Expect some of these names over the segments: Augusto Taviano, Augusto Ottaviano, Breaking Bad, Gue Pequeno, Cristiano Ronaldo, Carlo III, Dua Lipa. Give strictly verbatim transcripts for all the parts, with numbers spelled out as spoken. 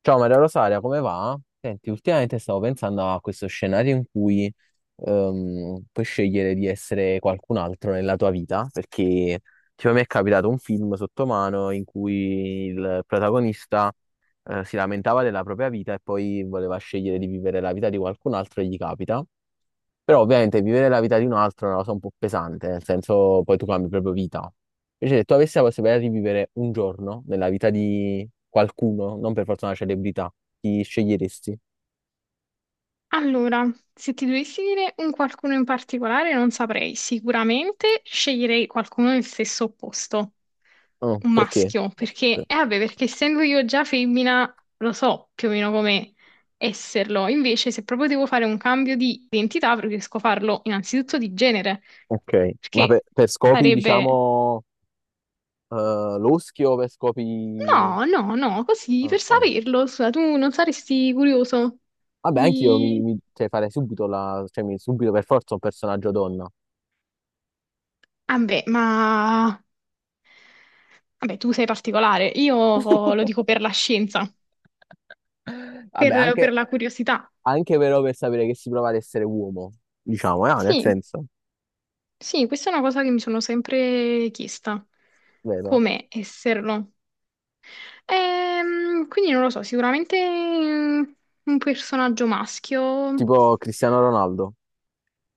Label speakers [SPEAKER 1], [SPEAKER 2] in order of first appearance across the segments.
[SPEAKER 1] Ciao Maria Rosaria, come va? Senti, ultimamente stavo pensando a questo scenario in cui ehm, puoi scegliere di essere qualcun altro nella tua vita, perché tipo, mi è capitato un film sotto mano in cui il protagonista eh, si lamentava della propria vita e poi voleva scegliere di vivere la vita di qualcun altro e gli capita. Però ovviamente vivere la vita di un altro è una cosa un po' pesante, nel senso poi tu cambi proprio vita. Invece se tu avessi la possibilità di vivere un giorno nella vita di qualcuno, non per forza una celebrità, chi sceglieresti?
[SPEAKER 2] Allora, se ti dovessi dire un qualcuno in particolare, non saprei. Sicuramente sceglierei qualcuno del stesso opposto,
[SPEAKER 1] Oh,
[SPEAKER 2] un
[SPEAKER 1] perché?
[SPEAKER 2] maschio, perché, eh vabbè, perché essendo io già femmina, lo so più o meno come esserlo. Invece, se proprio devo fare un cambio di identità, preferisco farlo innanzitutto di genere,
[SPEAKER 1] Ok, ma per,
[SPEAKER 2] perché
[SPEAKER 1] per scopi,
[SPEAKER 2] sarebbe...
[SPEAKER 1] diciamo, eh, loschi o per scopi...
[SPEAKER 2] No, no, no, così per
[SPEAKER 1] Ok.
[SPEAKER 2] saperlo, scusa, tu non saresti curioso
[SPEAKER 1] Vabbè, anch'io mi,
[SPEAKER 2] di...
[SPEAKER 1] mi- cioè, farei subito la... cioè, mi- subito per forza un personaggio donna.
[SPEAKER 2] Ah beh, ma... Vabbè, tu sei particolare, io lo dico per la scienza,
[SPEAKER 1] Vabbè,
[SPEAKER 2] per, per
[SPEAKER 1] anche,
[SPEAKER 2] la curiosità.
[SPEAKER 1] anche però per sapere che si prova ad essere uomo, diciamo, eh, nel
[SPEAKER 2] Sì,
[SPEAKER 1] senso...
[SPEAKER 2] sì, questa è una cosa che mi sono sempre chiesta,
[SPEAKER 1] Vero?
[SPEAKER 2] come esserlo. Ehm, quindi non lo so, sicuramente mm, un personaggio maschio.
[SPEAKER 1] Tipo Cristiano Ronaldo.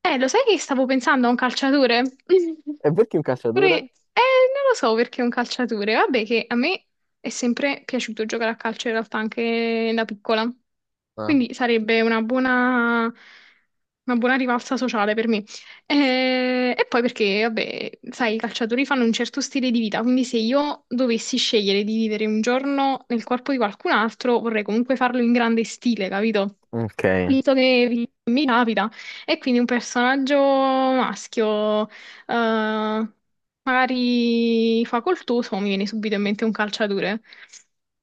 [SPEAKER 2] Eh, lo sai che stavo pensando a un calciatore?
[SPEAKER 1] E perché un
[SPEAKER 2] Pure-
[SPEAKER 1] calciatore?
[SPEAKER 2] eh, Non lo so perché è un calciatore. Vabbè, che a me è sempre piaciuto giocare a calcio in realtà anche da piccola.
[SPEAKER 1] Ah,
[SPEAKER 2] Quindi sarebbe una buona, una buona rivalsa sociale per me. Eh, e poi perché, vabbè, sai, i calciatori fanno un certo stile di vita, quindi se io dovessi scegliere di vivere un giorno nel corpo di qualcun altro, vorrei comunque farlo in grande stile, capito?
[SPEAKER 1] ok.
[SPEAKER 2] Visto che mi capita. E quindi un personaggio maschio, eh, magari fa col tuo, mi viene subito in mente un calciatore.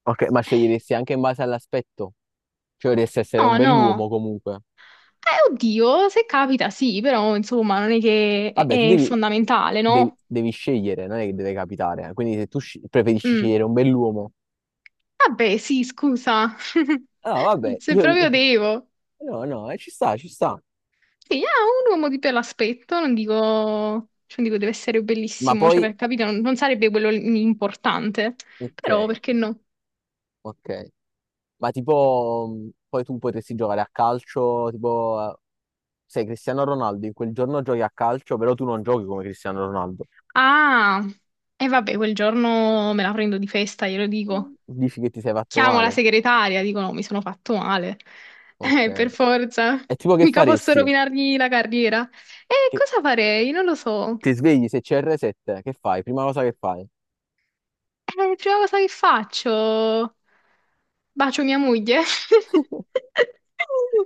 [SPEAKER 1] Ok, ma sceglieresti anche in base all'aspetto. Cioè, dovresti essere un
[SPEAKER 2] No,
[SPEAKER 1] bell'uomo
[SPEAKER 2] no.
[SPEAKER 1] comunque.
[SPEAKER 2] Eh, oddio, se capita sì, però insomma non è che è
[SPEAKER 1] Vabbè, tu
[SPEAKER 2] è
[SPEAKER 1] devi,
[SPEAKER 2] fondamentale,
[SPEAKER 1] devi-
[SPEAKER 2] no?
[SPEAKER 1] devi scegliere, non è che deve capitare. Quindi se tu sci- preferisci
[SPEAKER 2] Mm.
[SPEAKER 1] scegliere un bell'uomo.
[SPEAKER 2] Vabbè, sì, scusa.
[SPEAKER 1] No, vabbè,
[SPEAKER 2] Se
[SPEAKER 1] io... io-
[SPEAKER 2] proprio devo.
[SPEAKER 1] No, no, eh, ci sta, ci sta.
[SPEAKER 2] Sì, ah, un uomo di bell'aspetto, non dico, cioè, non dico deve essere
[SPEAKER 1] Ma
[SPEAKER 2] bellissimo, cioè
[SPEAKER 1] poi...
[SPEAKER 2] per capire non, non sarebbe quello l- importante,
[SPEAKER 1] Ok,
[SPEAKER 2] però perché no?
[SPEAKER 1] ok. Ma tipo... mh, poi tu potresti giocare a calcio, tipo... eh, Sei Cristiano Ronaldo, in quel giorno giochi a calcio, però tu non giochi come Cristiano Ronaldo.
[SPEAKER 2] Ah, e vabbè, quel giorno me la prendo di festa, glielo dico.
[SPEAKER 1] Dici che ti sei fatto
[SPEAKER 2] Chiamo la
[SPEAKER 1] male?
[SPEAKER 2] segretaria, dico no, mi sono fatto male.
[SPEAKER 1] Ok.
[SPEAKER 2] Eh, per forza,
[SPEAKER 1] È tipo che
[SPEAKER 2] mica posso
[SPEAKER 1] faresti?
[SPEAKER 2] rovinargli la carriera. E
[SPEAKER 1] Che
[SPEAKER 2] cosa farei? Non lo so.
[SPEAKER 1] ti svegli se c'è R sette, che fai? Prima cosa che fai?
[SPEAKER 2] Eh, prima cosa che faccio? Bacio mia moglie?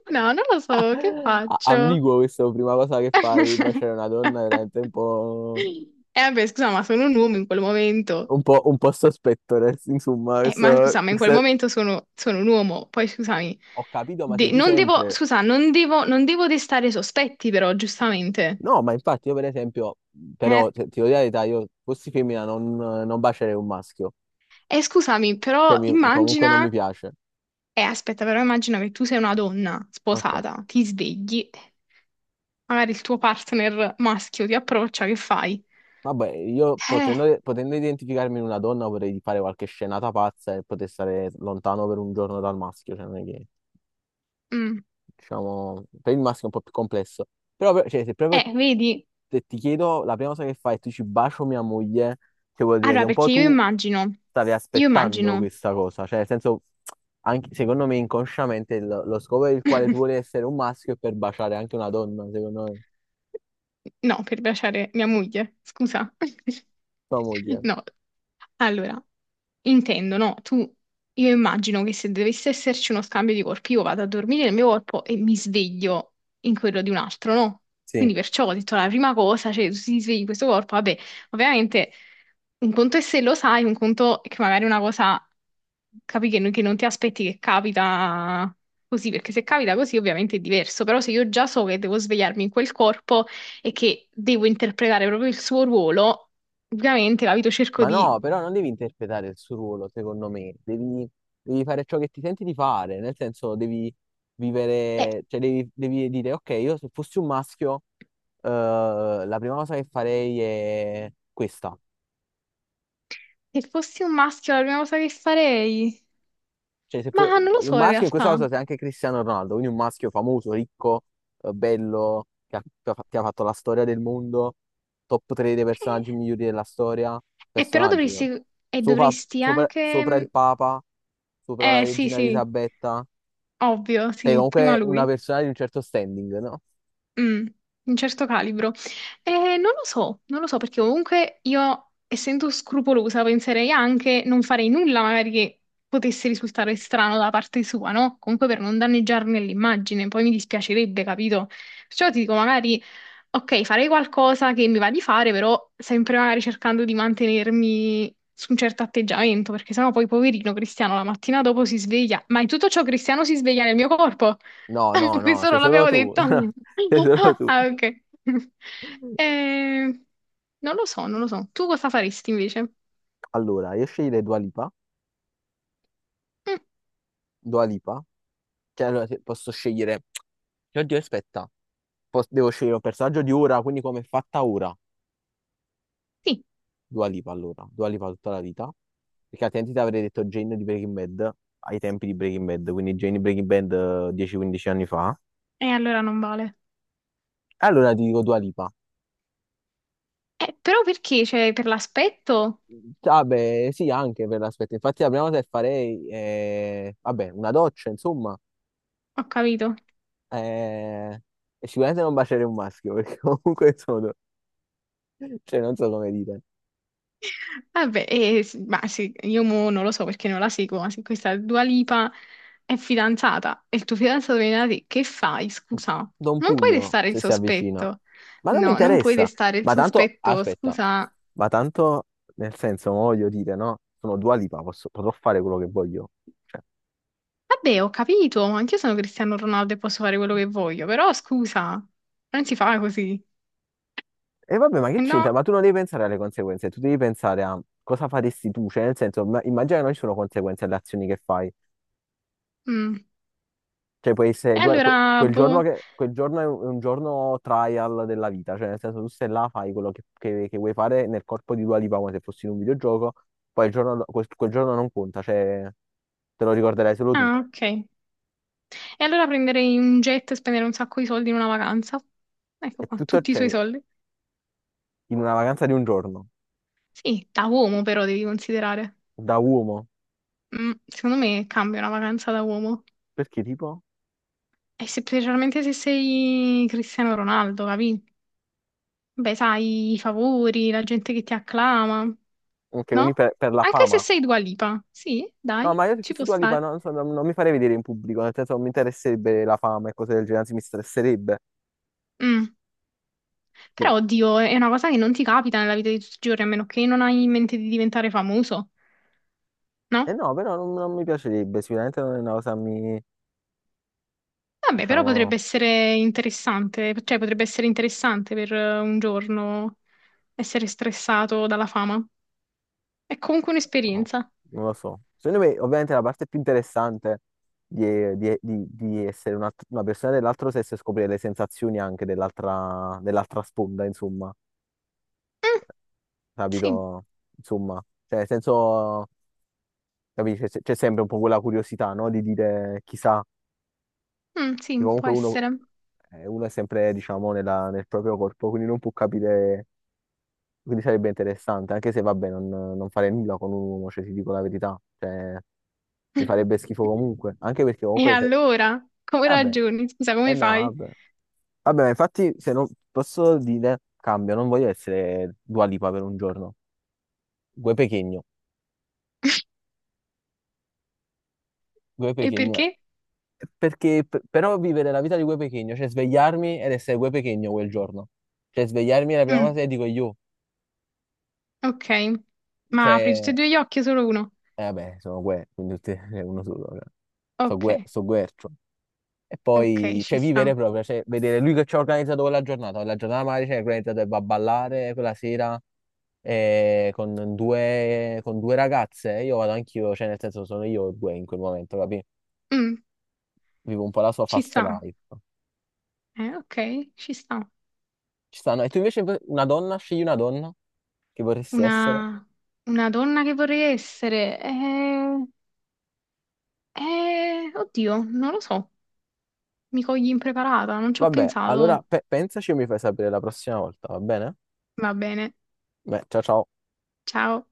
[SPEAKER 2] No, non lo so, che
[SPEAKER 1] A-
[SPEAKER 2] faccio?
[SPEAKER 1] Ambiguo questo, prima cosa che fai, baciare una donna, è veramente un po',
[SPEAKER 2] E vabbè, scusa, ma sono un uomo in quel momento.
[SPEAKER 1] un po', un po' sospetto, nel- insomma,
[SPEAKER 2] Eh, ma
[SPEAKER 1] questo,
[SPEAKER 2] scusa, ma in quel
[SPEAKER 1] questo-
[SPEAKER 2] momento sono, sono un uomo, poi scusami,
[SPEAKER 1] Ho capito, ma sei
[SPEAKER 2] de-
[SPEAKER 1] tu
[SPEAKER 2] non devo,
[SPEAKER 1] sempre...
[SPEAKER 2] scusa, non devo, non devo destare sospetti però, giustamente.
[SPEAKER 1] No, ma infatti io per esempio,
[SPEAKER 2] Eh,
[SPEAKER 1] però se- ti devo dire la verità, io fossi femmina non, non bacerei un maschio,
[SPEAKER 2] eh, scusami,
[SPEAKER 1] cioè
[SPEAKER 2] però
[SPEAKER 1] mi- comunque non
[SPEAKER 2] immagina,
[SPEAKER 1] mi piace.
[SPEAKER 2] eh, aspetta, però immagina che tu sei una donna
[SPEAKER 1] Ok.
[SPEAKER 2] sposata, ti svegli, magari il tuo partner maschio ti approccia, che fai?
[SPEAKER 1] Vabbè, io
[SPEAKER 2] Eh,
[SPEAKER 1] potendo, potendo identificarmi in una donna vorrei fare qualche scenata pazza e poter stare lontano per un giorno dal maschio, cioè non è che,
[SPEAKER 2] mm,
[SPEAKER 1] diciamo, per il maschio è un po' più complesso. Però, per- cioè, se proprio
[SPEAKER 2] eh, vedi?
[SPEAKER 1] te- ti chiedo, la prima cosa che fai è tu ci bacio mia moglie, che vuol dire che
[SPEAKER 2] Allora,
[SPEAKER 1] un po'
[SPEAKER 2] perché io
[SPEAKER 1] tu
[SPEAKER 2] immagino,
[SPEAKER 1] stavi
[SPEAKER 2] io
[SPEAKER 1] aspettando
[SPEAKER 2] immagino.
[SPEAKER 1] questa cosa, cioè nel senso, anche, secondo me inconsciamente il- lo scopo per il quale tu vuoi essere un maschio è per baciare anche una donna, secondo me,
[SPEAKER 2] No, per piacere, mia moglie, scusa.
[SPEAKER 1] tua moglie.
[SPEAKER 2] No, allora, intendo, no, tu, io immagino che se dovesse esserci uno scambio di corpi, io vado a dormire nel mio corpo e mi sveglio in quello di un altro, no?
[SPEAKER 1] Sì.
[SPEAKER 2] Quindi perciò ho detto la prima cosa, cioè tu ti svegli in questo corpo, vabbè, ovviamente un conto è se lo sai, un conto è che magari una cosa capi che, non che non ti aspetti che capita così, perché se capita così ovviamente è diverso, però se io già so che devo svegliarmi in quel corpo e che devo interpretare proprio il suo ruolo, ovviamente, capito, cerco
[SPEAKER 1] Ma
[SPEAKER 2] di...
[SPEAKER 1] no, però non devi interpretare il suo ruolo, secondo me, devi, devi fare ciò che ti senti di fare, nel senso devi
[SPEAKER 2] Beh,
[SPEAKER 1] vivere, cioè devi, devi dire, ok, io se fossi un maschio, eh, la prima cosa che farei è questa.
[SPEAKER 2] se fossi un maschio la prima cosa che farei...
[SPEAKER 1] Cioè, se
[SPEAKER 2] Ma
[SPEAKER 1] puoi-
[SPEAKER 2] non lo
[SPEAKER 1] un
[SPEAKER 2] so in
[SPEAKER 1] maschio in questa cosa
[SPEAKER 2] realtà.
[SPEAKER 1] sei anche Cristiano Ronaldo, quindi un maschio famoso, ricco, eh, bello, che ha, che ha- che ha fatto la storia del mondo, top tre dei
[SPEAKER 2] Eh,
[SPEAKER 1] personaggi migliori della storia,
[SPEAKER 2] eh, però
[SPEAKER 1] personaggi, però.
[SPEAKER 2] dovresti... E
[SPEAKER 1] sopra,
[SPEAKER 2] dovresti
[SPEAKER 1] sopra- sopra il
[SPEAKER 2] anche...
[SPEAKER 1] Papa, sopra la
[SPEAKER 2] Eh sì
[SPEAKER 1] regina
[SPEAKER 2] sì,
[SPEAKER 1] Elisabetta,
[SPEAKER 2] ovvio,
[SPEAKER 1] sei
[SPEAKER 2] sì, prima
[SPEAKER 1] comunque una
[SPEAKER 2] lui.
[SPEAKER 1] persona di un certo standing, no?
[SPEAKER 2] Mm, un certo calibro. Eh, non lo so, non lo so perché comunque io, essendo scrupolosa, penserei anche non farei nulla magari che potesse risultare strano da parte sua, no? Comunque per non danneggiarne l'immagine, poi mi dispiacerebbe, capito? Perciò ti dico magari, ok, farei qualcosa che mi va di fare, però sempre magari cercando di mantenermi su un certo atteggiamento, perché sennò poi poverino Cristiano la mattina dopo si sveglia. Ma in tutto ciò Cristiano si sveglia nel mio corpo.
[SPEAKER 1] No, no, no,
[SPEAKER 2] Questo
[SPEAKER 1] sei
[SPEAKER 2] non
[SPEAKER 1] solo
[SPEAKER 2] l'abbiamo
[SPEAKER 1] tu,
[SPEAKER 2] detto.
[SPEAKER 1] sei solo tu.
[SPEAKER 2] Ah, ok. Eh, non lo so, non lo so. Tu cosa faresti invece?
[SPEAKER 1] Allora, io sceglierei Dua Lipa,
[SPEAKER 2] Mm,
[SPEAKER 1] Dua Lipa, cioè allora, se posso scegliere, oddio aspetta, po- devo scegliere un personaggio di ora, quindi come è fatta ora,
[SPEAKER 2] sì,
[SPEAKER 1] Dua Lipa allora, Dua Lipa tutta la vita, perché altrimenti ti avrei detto Jane di Breaking Bad ai tempi di Breaking Bad, quindi Jane di Breaking Bad eh, dieci quindici anni fa.
[SPEAKER 2] e allora non vale.
[SPEAKER 1] Allora ti dico Dua Lipa.
[SPEAKER 2] Eh, però perché? Cioè, per l'aspetto?
[SPEAKER 1] Vabbè, sì, anche per l'aspetto. Infatti la prima cosa che farei è, vabbè, una doccia, insomma,
[SPEAKER 2] Ho capito.
[SPEAKER 1] eh, e sicuramente non baciare un maschio, perché comunque sono, cioè non so come dire.
[SPEAKER 2] Vabbè, eh, s- ma sì, io mo non lo so perché non la seguo, ma se questa Dua Lipa è fidanzata e il tuo fidanzato viene da te, che fai? Scusa,
[SPEAKER 1] Do un
[SPEAKER 2] non puoi
[SPEAKER 1] pugno
[SPEAKER 2] restare il
[SPEAKER 1] se si avvicina.
[SPEAKER 2] sospetto.
[SPEAKER 1] Ma non mi
[SPEAKER 2] No, non puoi
[SPEAKER 1] interessa.
[SPEAKER 2] restare il
[SPEAKER 1] Ma tanto,
[SPEAKER 2] sospetto,
[SPEAKER 1] aspetta,
[SPEAKER 2] scusa.
[SPEAKER 1] ma tanto nel senso, mo voglio dire, no? Sono Dua Lipa, posso, potrò fare quello che voglio. Cioè,
[SPEAKER 2] Vabbè, ho capito, ma anch'io sono Cristiano Ronaldo e posso fare quello che voglio, però scusa, non si fa così.
[SPEAKER 1] e vabbè, ma che
[SPEAKER 2] Eh
[SPEAKER 1] c'entra?
[SPEAKER 2] no,
[SPEAKER 1] Ma tu non devi pensare alle conseguenze, tu devi pensare a cosa faresti tu, cioè nel senso, ma- immagina che non ci sono conseguenze alle azioni che fai.
[SPEAKER 2] mm.
[SPEAKER 1] Cioè, può essere
[SPEAKER 2] E
[SPEAKER 1] due, que-
[SPEAKER 2] allora,
[SPEAKER 1] quel giorno,
[SPEAKER 2] boh.
[SPEAKER 1] che, quel giorno è un è un giorno trial della vita, cioè nel senso tu stai là, fai quello che, che- che vuoi fare nel corpo di Dua Lipa come se fossi in un videogioco, poi il giorno do- quel, quel giorno non conta, cioè te lo ricorderai solo tu.
[SPEAKER 2] Ah, ok. E allora prenderei un jet e spendere un sacco di soldi in una vacanza.
[SPEAKER 1] È
[SPEAKER 2] Ecco qua,
[SPEAKER 1] tutto,
[SPEAKER 2] tutti i suoi
[SPEAKER 1] cioè,
[SPEAKER 2] soldi.
[SPEAKER 1] in una vacanza di un giorno,
[SPEAKER 2] Sì, da uomo però devi considerare.
[SPEAKER 1] da uomo,
[SPEAKER 2] Mm, secondo me cambia una vacanza da uomo.
[SPEAKER 1] perché tipo?
[SPEAKER 2] E se- specialmente se sei Cristiano Ronaldo, capì? Beh, sai, i favori, la gente che ti acclama.
[SPEAKER 1] Ok, quindi
[SPEAKER 2] No?
[SPEAKER 1] per, per la
[SPEAKER 2] Anche se
[SPEAKER 1] fama.
[SPEAKER 2] sei Dua Lipa. Sì,
[SPEAKER 1] No,
[SPEAKER 2] dai,
[SPEAKER 1] ma io se
[SPEAKER 2] ci
[SPEAKER 1] fossi
[SPEAKER 2] può
[SPEAKER 1] Dua Lipa
[SPEAKER 2] stare.
[SPEAKER 1] no, non, so, non- non mi farei vedere in pubblico, nel senso non mi interesserebbe la fama e cose del genere, anzi mi stresserebbe,
[SPEAKER 2] Mm.
[SPEAKER 1] sì.
[SPEAKER 2] Però, oddio, è una cosa che non ti capita nella vita di tutti i giorni, a meno che non hai in mente di diventare famoso,
[SPEAKER 1] E
[SPEAKER 2] no?
[SPEAKER 1] no, però non, non mi piacerebbe, sicuramente non è una cosa che mi,
[SPEAKER 2] Vabbè, però potrebbe
[SPEAKER 1] diciamo...
[SPEAKER 2] essere interessante, cioè potrebbe essere interessante per eh, un giorno essere stressato dalla fama. È comunque
[SPEAKER 1] No,
[SPEAKER 2] un'esperienza.
[SPEAKER 1] non lo so. Secondo me, ovviamente, la parte più interessante di, di- di- di essere una, una persona dell'altro sesso è scoprire le sensazioni anche dell'altra dell'altra sponda, insomma,
[SPEAKER 2] Mm, sì,
[SPEAKER 1] capito? Insomma, cioè, nel senso, capisci, c'è c'è sempre un po' quella curiosità, no? Di dire chissà,
[SPEAKER 2] mm,
[SPEAKER 1] che
[SPEAKER 2] sì, può
[SPEAKER 1] comunque uno,
[SPEAKER 2] essere.
[SPEAKER 1] eh, uno è sempre, diciamo, nella- nel proprio corpo, quindi non può capire, quindi sarebbe interessante, anche se, vabbè, non, non fare nulla con un uomo, cioè, ti dico la verità, cioè, mi farebbe schifo comunque, anche perché
[SPEAKER 2] E
[SPEAKER 1] comunque... se-
[SPEAKER 2] allora, come
[SPEAKER 1] Vabbè,
[SPEAKER 2] ragioni? Scusa,
[SPEAKER 1] eh
[SPEAKER 2] come
[SPEAKER 1] no,
[SPEAKER 2] fai?
[SPEAKER 1] vabbè. Vabbè, ma infatti, se non posso dire, cambio, non voglio essere Dua Lipa per un giorno. Gue Pequeno, Gue
[SPEAKER 2] E
[SPEAKER 1] Pequeno.
[SPEAKER 2] perché?
[SPEAKER 1] Perché, p- però, vivere la vita di Gue Pequeno, cioè svegliarmi ed essere Gue Pequeno quel giorno. Cioè, svegliarmi è la prima cosa
[SPEAKER 2] Mm.
[SPEAKER 1] che dico io.
[SPEAKER 2] Ok, ma apri tutti e
[SPEAKER 1] Cioè,
[SPEAKER 2] due gli occhi o solo uno?
[SPEAKER 1] eh, vabbè, sono Gue, quindi tutti, è uno solo. Cioè. So Gue,
[SPEAKER 2] Ok,
[SPEAKER 1] so Guercio. E
[SPEAKER 2] ok,
[SPEAKER 1] poi,
[SPEAKER 2] ci
[SPEAKER 1] cioè, vivere
[SPEAKER 2] sta.
[SPEAKER 1] proprio, cioè, vedere lui che ci ha organizzato quella giornata, la giornata magari ci ha organizzato e va a ballare quella sera eh, con due, con due ragazze, io vado anch'io, cioè, nel senso, sono io e due in quel momento, capi?
[SPEAKER 2] Mm,
[SPEAKER 1] Vivo un po' la sua
[SPEAKER 2] ci
[SPEAKER 1] fast
[SPEAKER 2] sta.
[SPEAKER 1] life.
[SPEAKER 2] Eh, ok, ci sta.
[SPEAKER 1] Ci stanno, e tu invece una donna, scegli una donna che vorresti essere.
[SPEAKER 2] Una, una donna che vorrei essere. Eh, eh, oddio, non lo so. Mi cogli impreparata, non ci ho
[SPEAKER 1] Vabbè, allora
[SPEAKER 2] pensato.
[SPEAKER 1] pe- pensaci e mi fai sapere la prossima volta, va bene?
[SPEAKER 2] Va bene,
[SPEAKER 1] Beh, ciao ciao.
[SPEAKER 2] ciao.